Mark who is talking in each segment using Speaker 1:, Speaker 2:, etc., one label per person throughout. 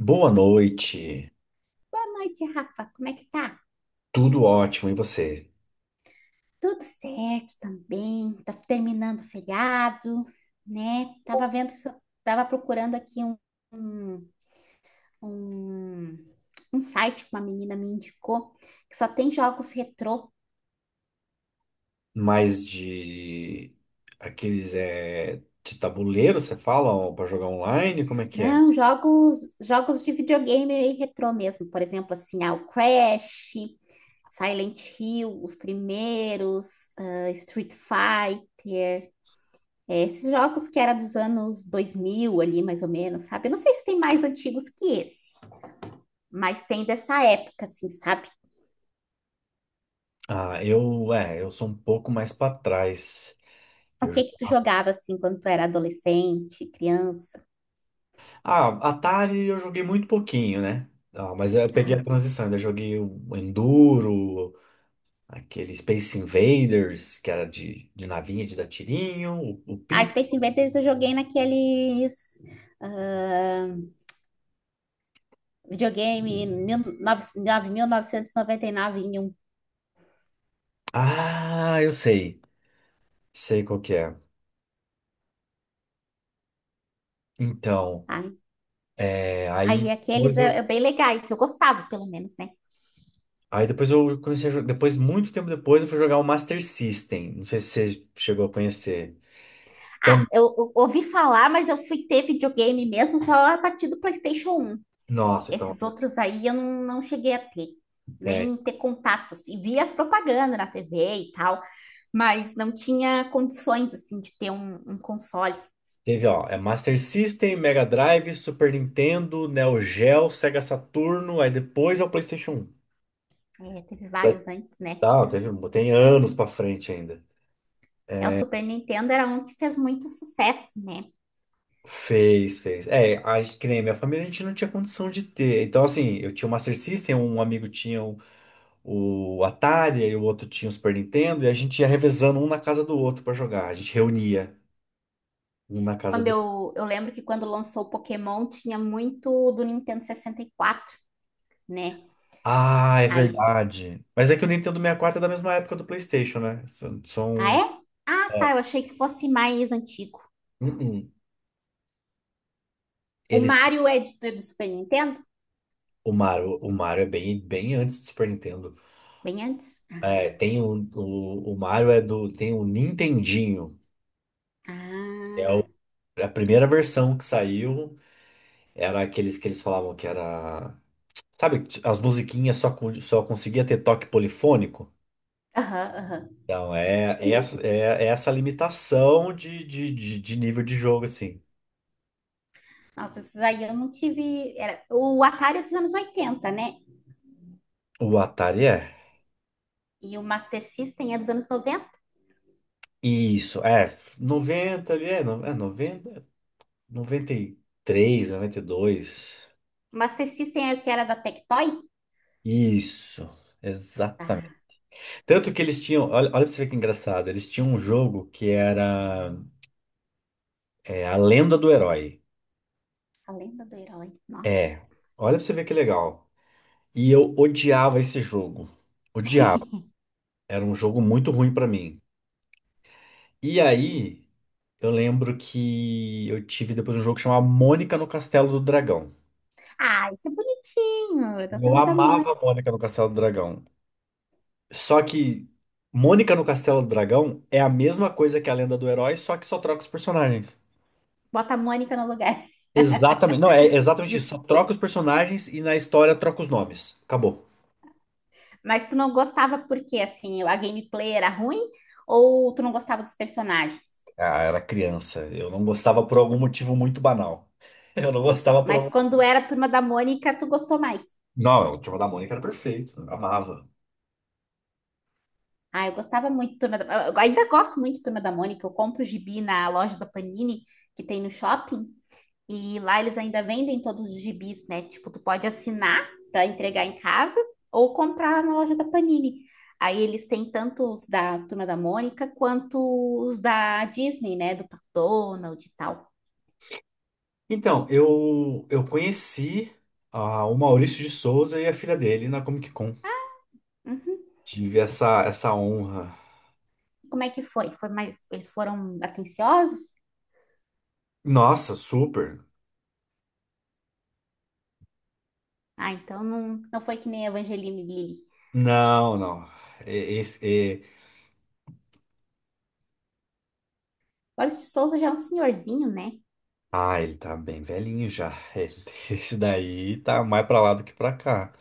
Speaker 1: Boa noite,
Speaker 2: Boa noite, Rafa. Como é que tá?
Speaker 1: tudo ótimo, e você?
Speaker 2: Tudo certo também. Tá terminando o feriado, né? Tava vendo, se eu- tava procurando aqui um, um, um site que uma menina me indicou que só tem jogos retrô.
Speaker 1: Mais de aqueles de tabuleiro, você fala, para jogar online? Como é que é?
Speaker 2: Não, jogos de videogame aí retrô mesmo. Por exemplo, assim, o Crash, Silent Hill, os primeiros, Street Fighter. É, esses jogos que era dos anos 2000 ali, mais ou menos, sabe? Eu não sei se tem mais antigos que esse, mas tem dessa época, assim, sabe?
Speaker 1: Eu sou um pouco mais para trás.
Speaker 2: O
Speaker 1: Eu jo-
Speaker 2: que que tu jogava, assim, quando tu era adolescente, criança?
Speaker 1: Atari eu joguei muito pouquinho, né? Ah, mas eu peguei a
Speaker 2: Aham.
Speaker 1: transição, ainda joguei o Enduro, aquele Space Invaders, que era de navinha, de dar tirinho, o
Speaker 2: Ah,
Speaker 1: Pit.
Speaker 2: Space Invaders eu joguei naqueles ah, videogame 9.999 em um,
Speaker 1: Ah, eu sei, sei qual que é. Então.
Speaker 2: sabe? Aí
Speaker 1: Aí,
Speaker 2: aqueles é, é bem legais, eu gostava, pelo menos, né?
Speaker 1: aí depois eu comecei a jogar. Depois, muito tempo depois, eu fui jogar o Master System. Não sei se você chegou a conhecer. Então,
Speaker 2: Ah, eu ouvi falar, mas eu fui ter videogame mesmo só a partir do PlayStation 1.
Speaker 1: nossa, então.
Speaker 2: Esses outros aí eu não cheguei a ter,
Speaker 1: É,
Speaker 2: nem ter contatos e via as propagandas na TV e tal, mas não tinha condições, assim, de ter um console.
Speaker 1: teve, ó, é Master System, Mega Drive, Super Nintendo, Neo Geo, Sega Saturno, aí depois é o PlayStation um.
Speaker 2: É, teve
Speaker 1: Tá,
Speaker 2: vários antes, né?
Speaker 1: tá, teve, tem anos pra frente ainda.
Speaker 2: É, o Super Nintendo era um que fez muito sucesso, né?
Speaker 1: Fez, fez. É, que nem minha família a gente não tinha condição de ter. Então, assim, eu tinha o Master System, um amigo tinha o Atari, e o outro tinha o Super Nintendo, e a gente ia revezando um na casa do outro pra jogar. A gente reunia um na casa
Speaker 2: Quando
Speaker 1: do.
Speaker 2: eu lembro que quando lançou o Pokémon, tinha muito do Nintendo 64, né?
Speaker 1: Ah, é
Speaker 2: Aí,
Speaker 1: verdade. Mas é que o Nintendo 64 é da mesma época do PlayStation, né? São. São-
Speaker 2: é? Ah, tá,
Speaker 1: é.
Speaker 2: eu achei que fosse mais antigo.
Speaker 1: Uh-uh.
Speaker 2: O
Speaker 1: Eles,
Speaker 2: Mario é do Super Nintendo?
Speaker 1: o Mario é bem, bem antes do Super Nintendo.
Speaker 2: Bem antes?
Speaker 1: É, tem o Mario é do, tem o Nintendinho.
Speaker 2: Ah,
Speaker 1: A primeira versão que saiu era aqueles que eles falavam que era. Sabe, as musiquinhas só, só conseguia ter toque polifônico.
Speaker 2: aham, aham.
Speaker 1: Então, é essa limitação de nível de jogo, assim.
Speaker 2: Nossa, esses aí eu não tive. O Atari é dos anos 80, né?
Speaker 1: O Atari é.
Speaker 2: E o Master System é dos anos 90.
Speaker 1: Isso, é. Noventa ali, é noventa, noventa e três, noventa e dois.
Speaker 2: O Master System é o que era da Tectoy?
Speaker 1: Isso,
Speaker 2: Ah,
Speaker 1: exatamente. Tanto que eles tinham. Olha, olha pra você ver que engraçado. Eles tinham um jogo que era A Lenda do Herói.
Speaker 2: A Lenda do Herói. Nossa.
Speaker 1: É, olha pra você ver que legal. E eu odiava esse jogo. Odiava. Era um jogo muito ruim pra mim. E aí, eu lembro que eu tive depois um jogo que chamava Mônica no Castelo do Dragão.
Speaker 2: Ah, isso é bonitinho. É da
Speaker 1: Eu
Speaker 2: Turma da
Speaker 1: amava
Speaker 2: Mônica.
Speaker 1: Mônica no Castelo do Dragão. Só que Mônica no Castelo do Dragão é a mesma coisa que a Lenda do Herói, só que só troca os personagens.
Speaker 2: Bota a Mônica no lugar.
Speaker 1: Exatamente. Não, é exatamente isso.
Speaker 2: Isso.
Speaker 1: Só troca os personagens e na história troca os nomes. Acabou.
Speaker 2: Mas tu não gostava porque, assim, a gameplay era ruim? Ou tu não gostava dos personagens?
Speaker 1: Ah, era criança. Eu não gostava por algum motivo muito banal. Eu não gostava por
Speaker 2: Mas
Speaker 1: algum.
Speaker 2: quando era a Turma da Mônica, tu gostou mais?
Speaker 1: Não, o Turma da Mônica era perfeito. Eu amava.
Speaker 2: Ah, eu gostava muito de Turma da, eu ainda gosto muito de Turma da Mônica. Eu compro o gibi na loja da Panini, que tem no shopping, e lá eles ainda vendem todos os gibis, né? Tipo, tu pode assinar para entregar em casa ou comprar na loja da Panini. Aí eles têm tanto os da Turma da Mônica quanto os da Disney, né? Do Pato Donald e tal.
Speaker 1: Então, eu conheci ah, o Maurício de Souza e a filha dele na Comic Con.
Speaker 2: Uhum.
Speaker 1: Tive essa honra.
Speaker 2: Como é que foi? Eles foram atenciosos?
Speaker 1: Nossa, super.
Speaker 2: Ah, então não foi que nem a Evangeline Lilly.
Speaker 1: Não, não. E- Esse, e-
Speaker 2: Boris de Souza já é um senhorzinho, né?
Speaker 1: Ah, ele tá bem velhinho já. Ele- Esse daí tá mais pra lá do que pra cá.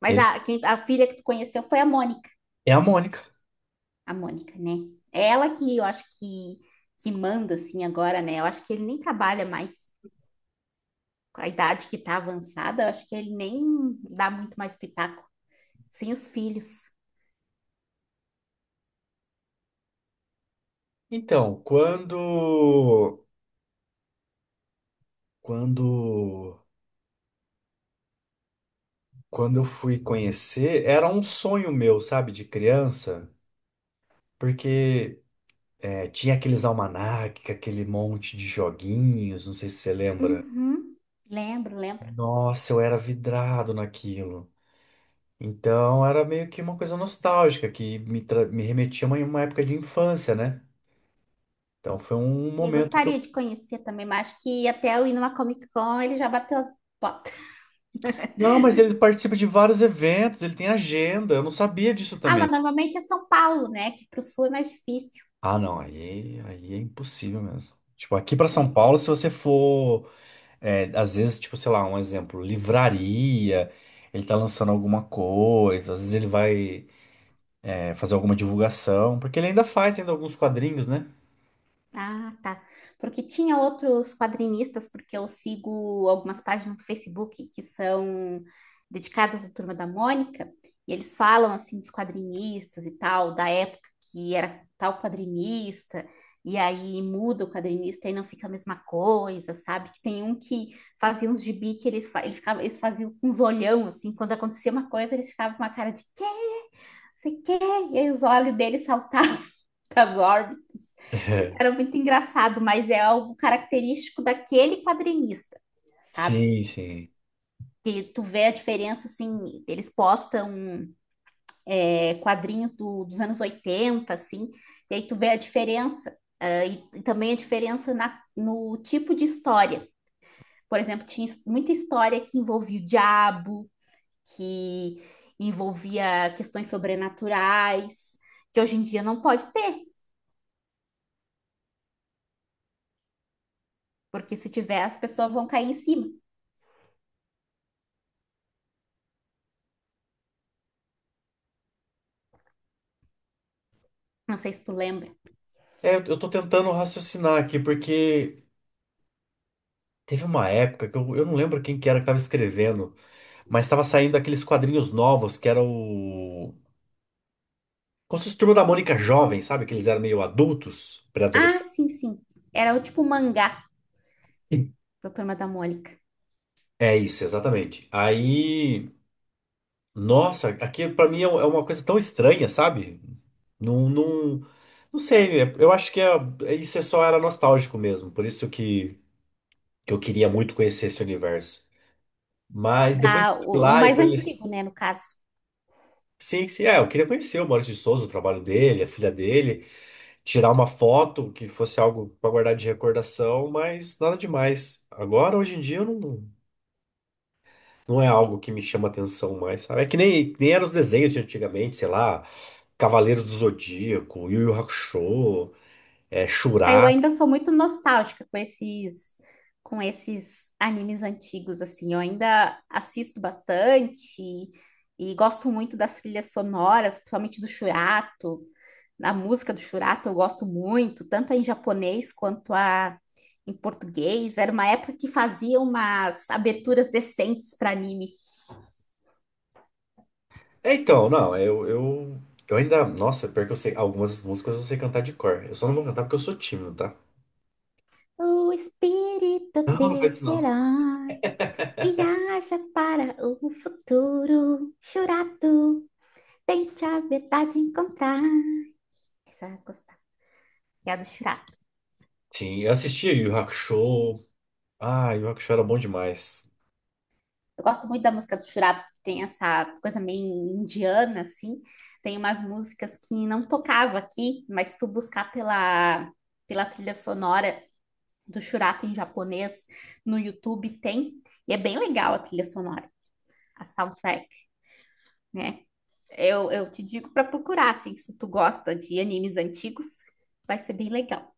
Speaker 2: Mas
Speaker 1: Ele
Speaker 2: a filha que tu conheceu foi a Mônica.
Speaker 1: é a Mônica.
Speaker 2: A Mônica, né? É ela que eu acho que manda, assim, agora, né? Eu acho que ele nem trabalha mais com a idade que tá avançada. Eu acho que ele nem dá muito mais pitaco. Sem os filhos.
Speaker 1: Então, quando. Quando. Quando eu fui conhecer, era um sonho meu, sabe, de criança, porque é, tinha aqueles almanac, aquele monte de joguinhos, não sei se você lembra.
Speaker 2: Uhum. Lembro, lembro.
Speaker 1: Nossa, eu era vidrado naquilo. Então era meio que uma coisa nostálgica que me, me remetia a uma época de infância, né? Então foi um
Speaker 2: Sim, eu
Speaker 1: momento que eu.
Speaker 2: gostaria de conhecer também, mas acho que até eu ir numa Comic Con ele já bateu as botas.
Speaker 1: Não, mas ele participa de vários eventos, ele tem agenda, eu não sabia disso
Speaker 2: Ah,
Speaker 1: também.
Speaker 2: mas normalmente é São Paulo, né? Que pro sul é mais difícil.
Speaker 1: Ah, não, aí é impossível mesmo. Tipo, aqui pra
Speaker 2: É,
Speaker 1: São Paulo, se você for. É, às vezes, tipo, sei lá, um exemplo, livraria, ele tá lançando alguma coisa, às vezes ele vai, é, fazer alguma divulgação, porque ele ainda faz ainda alguns quadrinhos, né?
Speaker 2: Tá. Porque tinha outros quadrinistas, porque eu sigo algumas páginas do Facebook que são dedicadas à Turma da Mônica, e eles falam assim dos quadrinistas e tal, da época que era tal quadrinista, e aí muda o quadrinista e não fica a mesma coisa, sabe? Que tem um que fazia uns gibi que ele ficava, eles faziam uns olhão, assim, quando acontecia uma coisa, eles ficavam com uma cara de quê? Você quê? E aí os olhos deles saltavam das era muito engraçado, mas é algo característico daquele quadrinista, sabe?
Speaker 1: Sim, sim.
Speaker 2: Que tu vê a diferença, assim, eles postam quadrinhos dos anos 80, assim, e aí tu vê a diferença, e também a diferença no tipo de história. Por exemplo, tinha muita história que envolvia o diabo, que envolvia questões sobrenaturais, que hoje em dia não pode ter, porque se tiver, as pessoas vão cair em cima. Não sei se tu lembra.
Speaker 1: É, eu tô tentando raciocinar aqui, porque teve uma época que eu não lembro quem que era que tava escrevendo, mas tava saindo aqueles quadrinhos novos que era o. Como se fosse Turma da Mônica jovem, sabe? Que eles eram meio adultos,
Speaker 2: Ah,
Speaker 1: pré-adolescentes.
Speaker 2: sim, sim. Era o tipo mangá da Turma da Mônica.
Speaker 1: É isso, exatamente. Aí. Nossa, aqui pra mim é um, é uma coisa tão estranha, sabe? Não, não, não sei, eu acho que é, isso é só era nostálgico mesmo, por isso que eu queria muito conhecer esse universo. Mas depois que
Speaker 2: Da,
Speaker 1: eu fui
Speaker 2: o, o
Speaker 1: lá e
Speaker 2: mais
Speaker 1: conheci.
Speaker 2: antigo, né, no caso.
Speaker 1: Sim, sim, é, eu queria conhecer o Maurício de Souza, o trabalho dele, a filha dele, tirar uma foto que fosse algo pra guardar de recordação, mas nada demais. Agora, hoje em dia, eu não. Não é algo que me chama atenção mais, sabe? É que nem eram os desenhos de antigamente, sei lá, Cavaleiros do Zodíaco, Yu Yu Hakusho, é,
Speaker 2: Aí eu
Speaker 1: Shura.
Speaker 2: ainda sou muito nostálgica com esses animes antigos, assim. Eu ainda assisto bastante e gosto muito das trilhas sonoras, principalmente do Shurato. A música do Shurato eu gosto muito, tanto a em japonês quanto a em português. Era uma época que fazia umas aberturas decentes para anime.
Speaker 1: É, então, não, eu ainda. Nossa, pior que eu sei, algumas músicas eu sei cantar de cor. Eu só não vou cantar porque eu sou tímido, tá?
Speaker 2: O espírito
Speaker 1: Não, não faz isso
Speaker 2: desse
Speaker 1: não.
Speaker 2: herói viaja para o futuro. Churato, tente a verdade encontrar. Essa eu gostava, que é a do Churato.
Speaker 1: Sim, eu assistia Yu Yu Hakusho. Ah, Yu Yu Hakusho era bom demais.
Speaker 2: Eu gosto muito da música do Churato, que tem essa coisa meio indiana, assim. Tem umas músicas que não tocava aqui, mas se tu buscar pela trilha sonora do Churato em japonês no YouTube, tem. E é bem legal a trilha sonora, a soundtrack, né? Eu te digo para procurar, assim, se tu gosta de animes antigos, vai ser bem legal.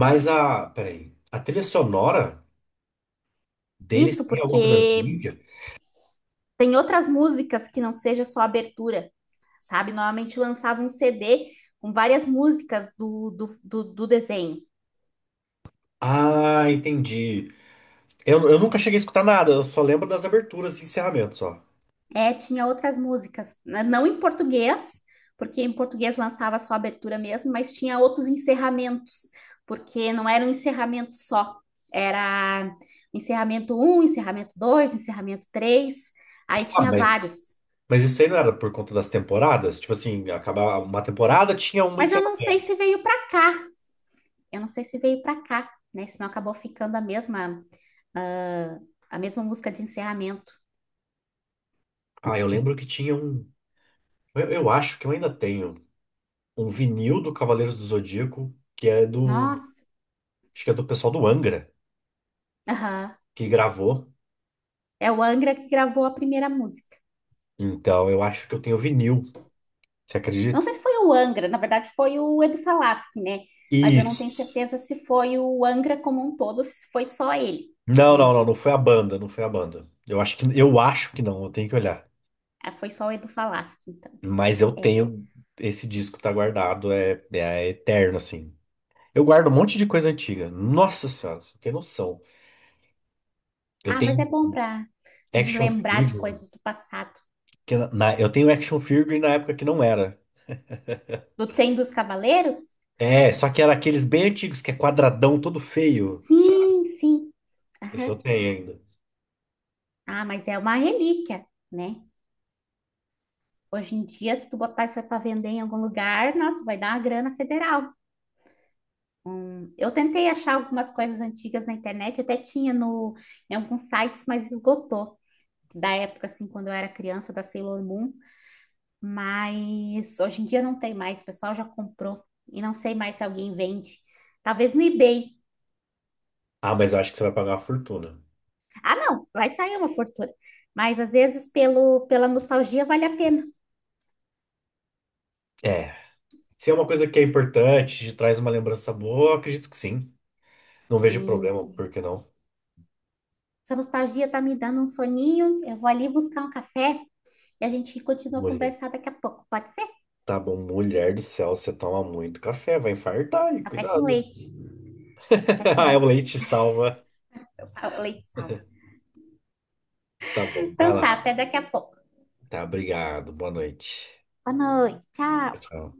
Speaker 1: Mas a. Peraí. A trilha sonora deles
Speaker 2: Isso
Speaker 1: tem alguma coisa ruim?
Speaker 2: porque tem outras músicas que não seja só abertura, sabe? Normalmente lançava um CD com várias músicas do desenho.
Speaker 1: Ah, entendi. Eu nunca cheguei a escutar nada, eu só lembro das aberturas e encerramentos, só.
Speaker 2: É, tinha outras músicas, né, não em português, porque em português lançava só a abertura mesmo, mas tinha outros encerramentos, porque não era um encerramento só, era encerramento um, encerramento 2, encerramento 3, aí
Speaker 1: Ah,
Speaker 2: tinha vários.
Speaker 1: mas isso aí não era por conta das temporadas? Tipo assim, acabava uma temporada, tinha um
Speaker 2: Mas eu não sei
Speaker 1: encerramento.
Speaker 2: se veio para cá, eu não sei se veio para cá, né? Senão acabou ficando ah, a mesma música de encerramento.
Speaker 1: Ah, eu lembro que tinha um. Eu acho que eu ainda tenho um vinil do Cavaleiros do Zodíaco, que é do.
Speaker 2: Nossa,
Speaker 1: Acho que é do pessoal do Angra,
Speaker 2: aham.
Speaker 1: que gravou.
Speaker 2: É o Angra que gravou a primeira música.
Speaker 1: Então eu acho que eu tenho vinil, você
Speaker 2: Não
Speaker 1: acredita?
Speaker 2: sei se foi o Angra, na verdade foi o Edu Falaschi, né? Mas eu não tenho
Speaker 1: Isso.
Speaker 2: certeza se foi o Angra como um todo, se foi só ele,
Speaker 1: Não,
Speaker 2: né?
Speaker 1: não, não, não foi a banda, não foi a banda. Eu acho eu acho que não, eu tenho que olhar.
Speaker 2: Ah, foi só o Edu Falaschi, então.
Speaker 1: Mas eu
Speaker 2: É.
Speaker 1: tenho. Esse disco tá guardado, é, é eterno, assim. Eu guardo um monte de coisa antiga. Nossa senhora, você não tem noção. Eu
Speaker 2: Ah, mas é
Speaker 1: tenho
Speaker 2: bom para
Speaker 1: action
Speaker 2: lembrar de
Speaker 1: figure.
Speaker 2: coisas do passado.
Speaker 1: Que eu tenho action figure na época que não era.
Speaker 2: Do Tem dos Cavaleiros?
Speaker 1: É, só que era aqueles bem antigos, que é quadradão, todo feio. Sabe?
Speaker 2: Sim, sim.
Speaker 1: Esse eu
Speaker 2: Aham.
Speaker 1: tenho ainda.
Speaker 2: Ah, mas é uma relíquia, né? Hoje em dia, se tu botar isso aí para vender em algum lugar, nossa, vai dar uma grana federal. Eu tentei achar algumas coisas antigas na internet, até tinha no, em alguns sites, mas esgotou. Da época, assim, quando eu era criança, da Sailor Moon, mas hoje em dia não tem mais, o pessoal já comprou e não sei mais se alguém vende. Talvez no eBay.
Speaker 1: Ah, mas eu acho que você vai pagar uma fortuna.
Speaker 2: Ah, não, vai sair uma fortuna. Mas às vezes pela nostalgia vale a pena.
Speaker 1: É. Se é uma coisa que é importante, te traz uma lembrança boa, eu acredito que sim. Não vejo
Speaker 2: Sim.
Speaker 1: problema, por que não?
Speaker 2: Essa nostalgia tá me dando um soninho, eu vou ali buscar um café e a gente continua a conversar daqui a pouco, pode ser?
Speaker 1: Tá bom, mulher do céu, você toma muito café, vai infartar aí,
Speaker 2: Café com
Speaker 1: cuidado.
Speaker 2: leite. É café com
Speaker 1: Ah, é o
Speaker 2: leite,
Speaker 1: leite salva.
Speaker 2: leite sal.
Speaker 1: Tá bom, vai
Speaker 2: Então tá,
Speaker 1: lá.
Speaker 2: até daqui a pouco.
Speaker 1: Tá, obrigado. Boa noite.
Speaker 2: Boa noite, tchau.
Speaker 1: Tchau.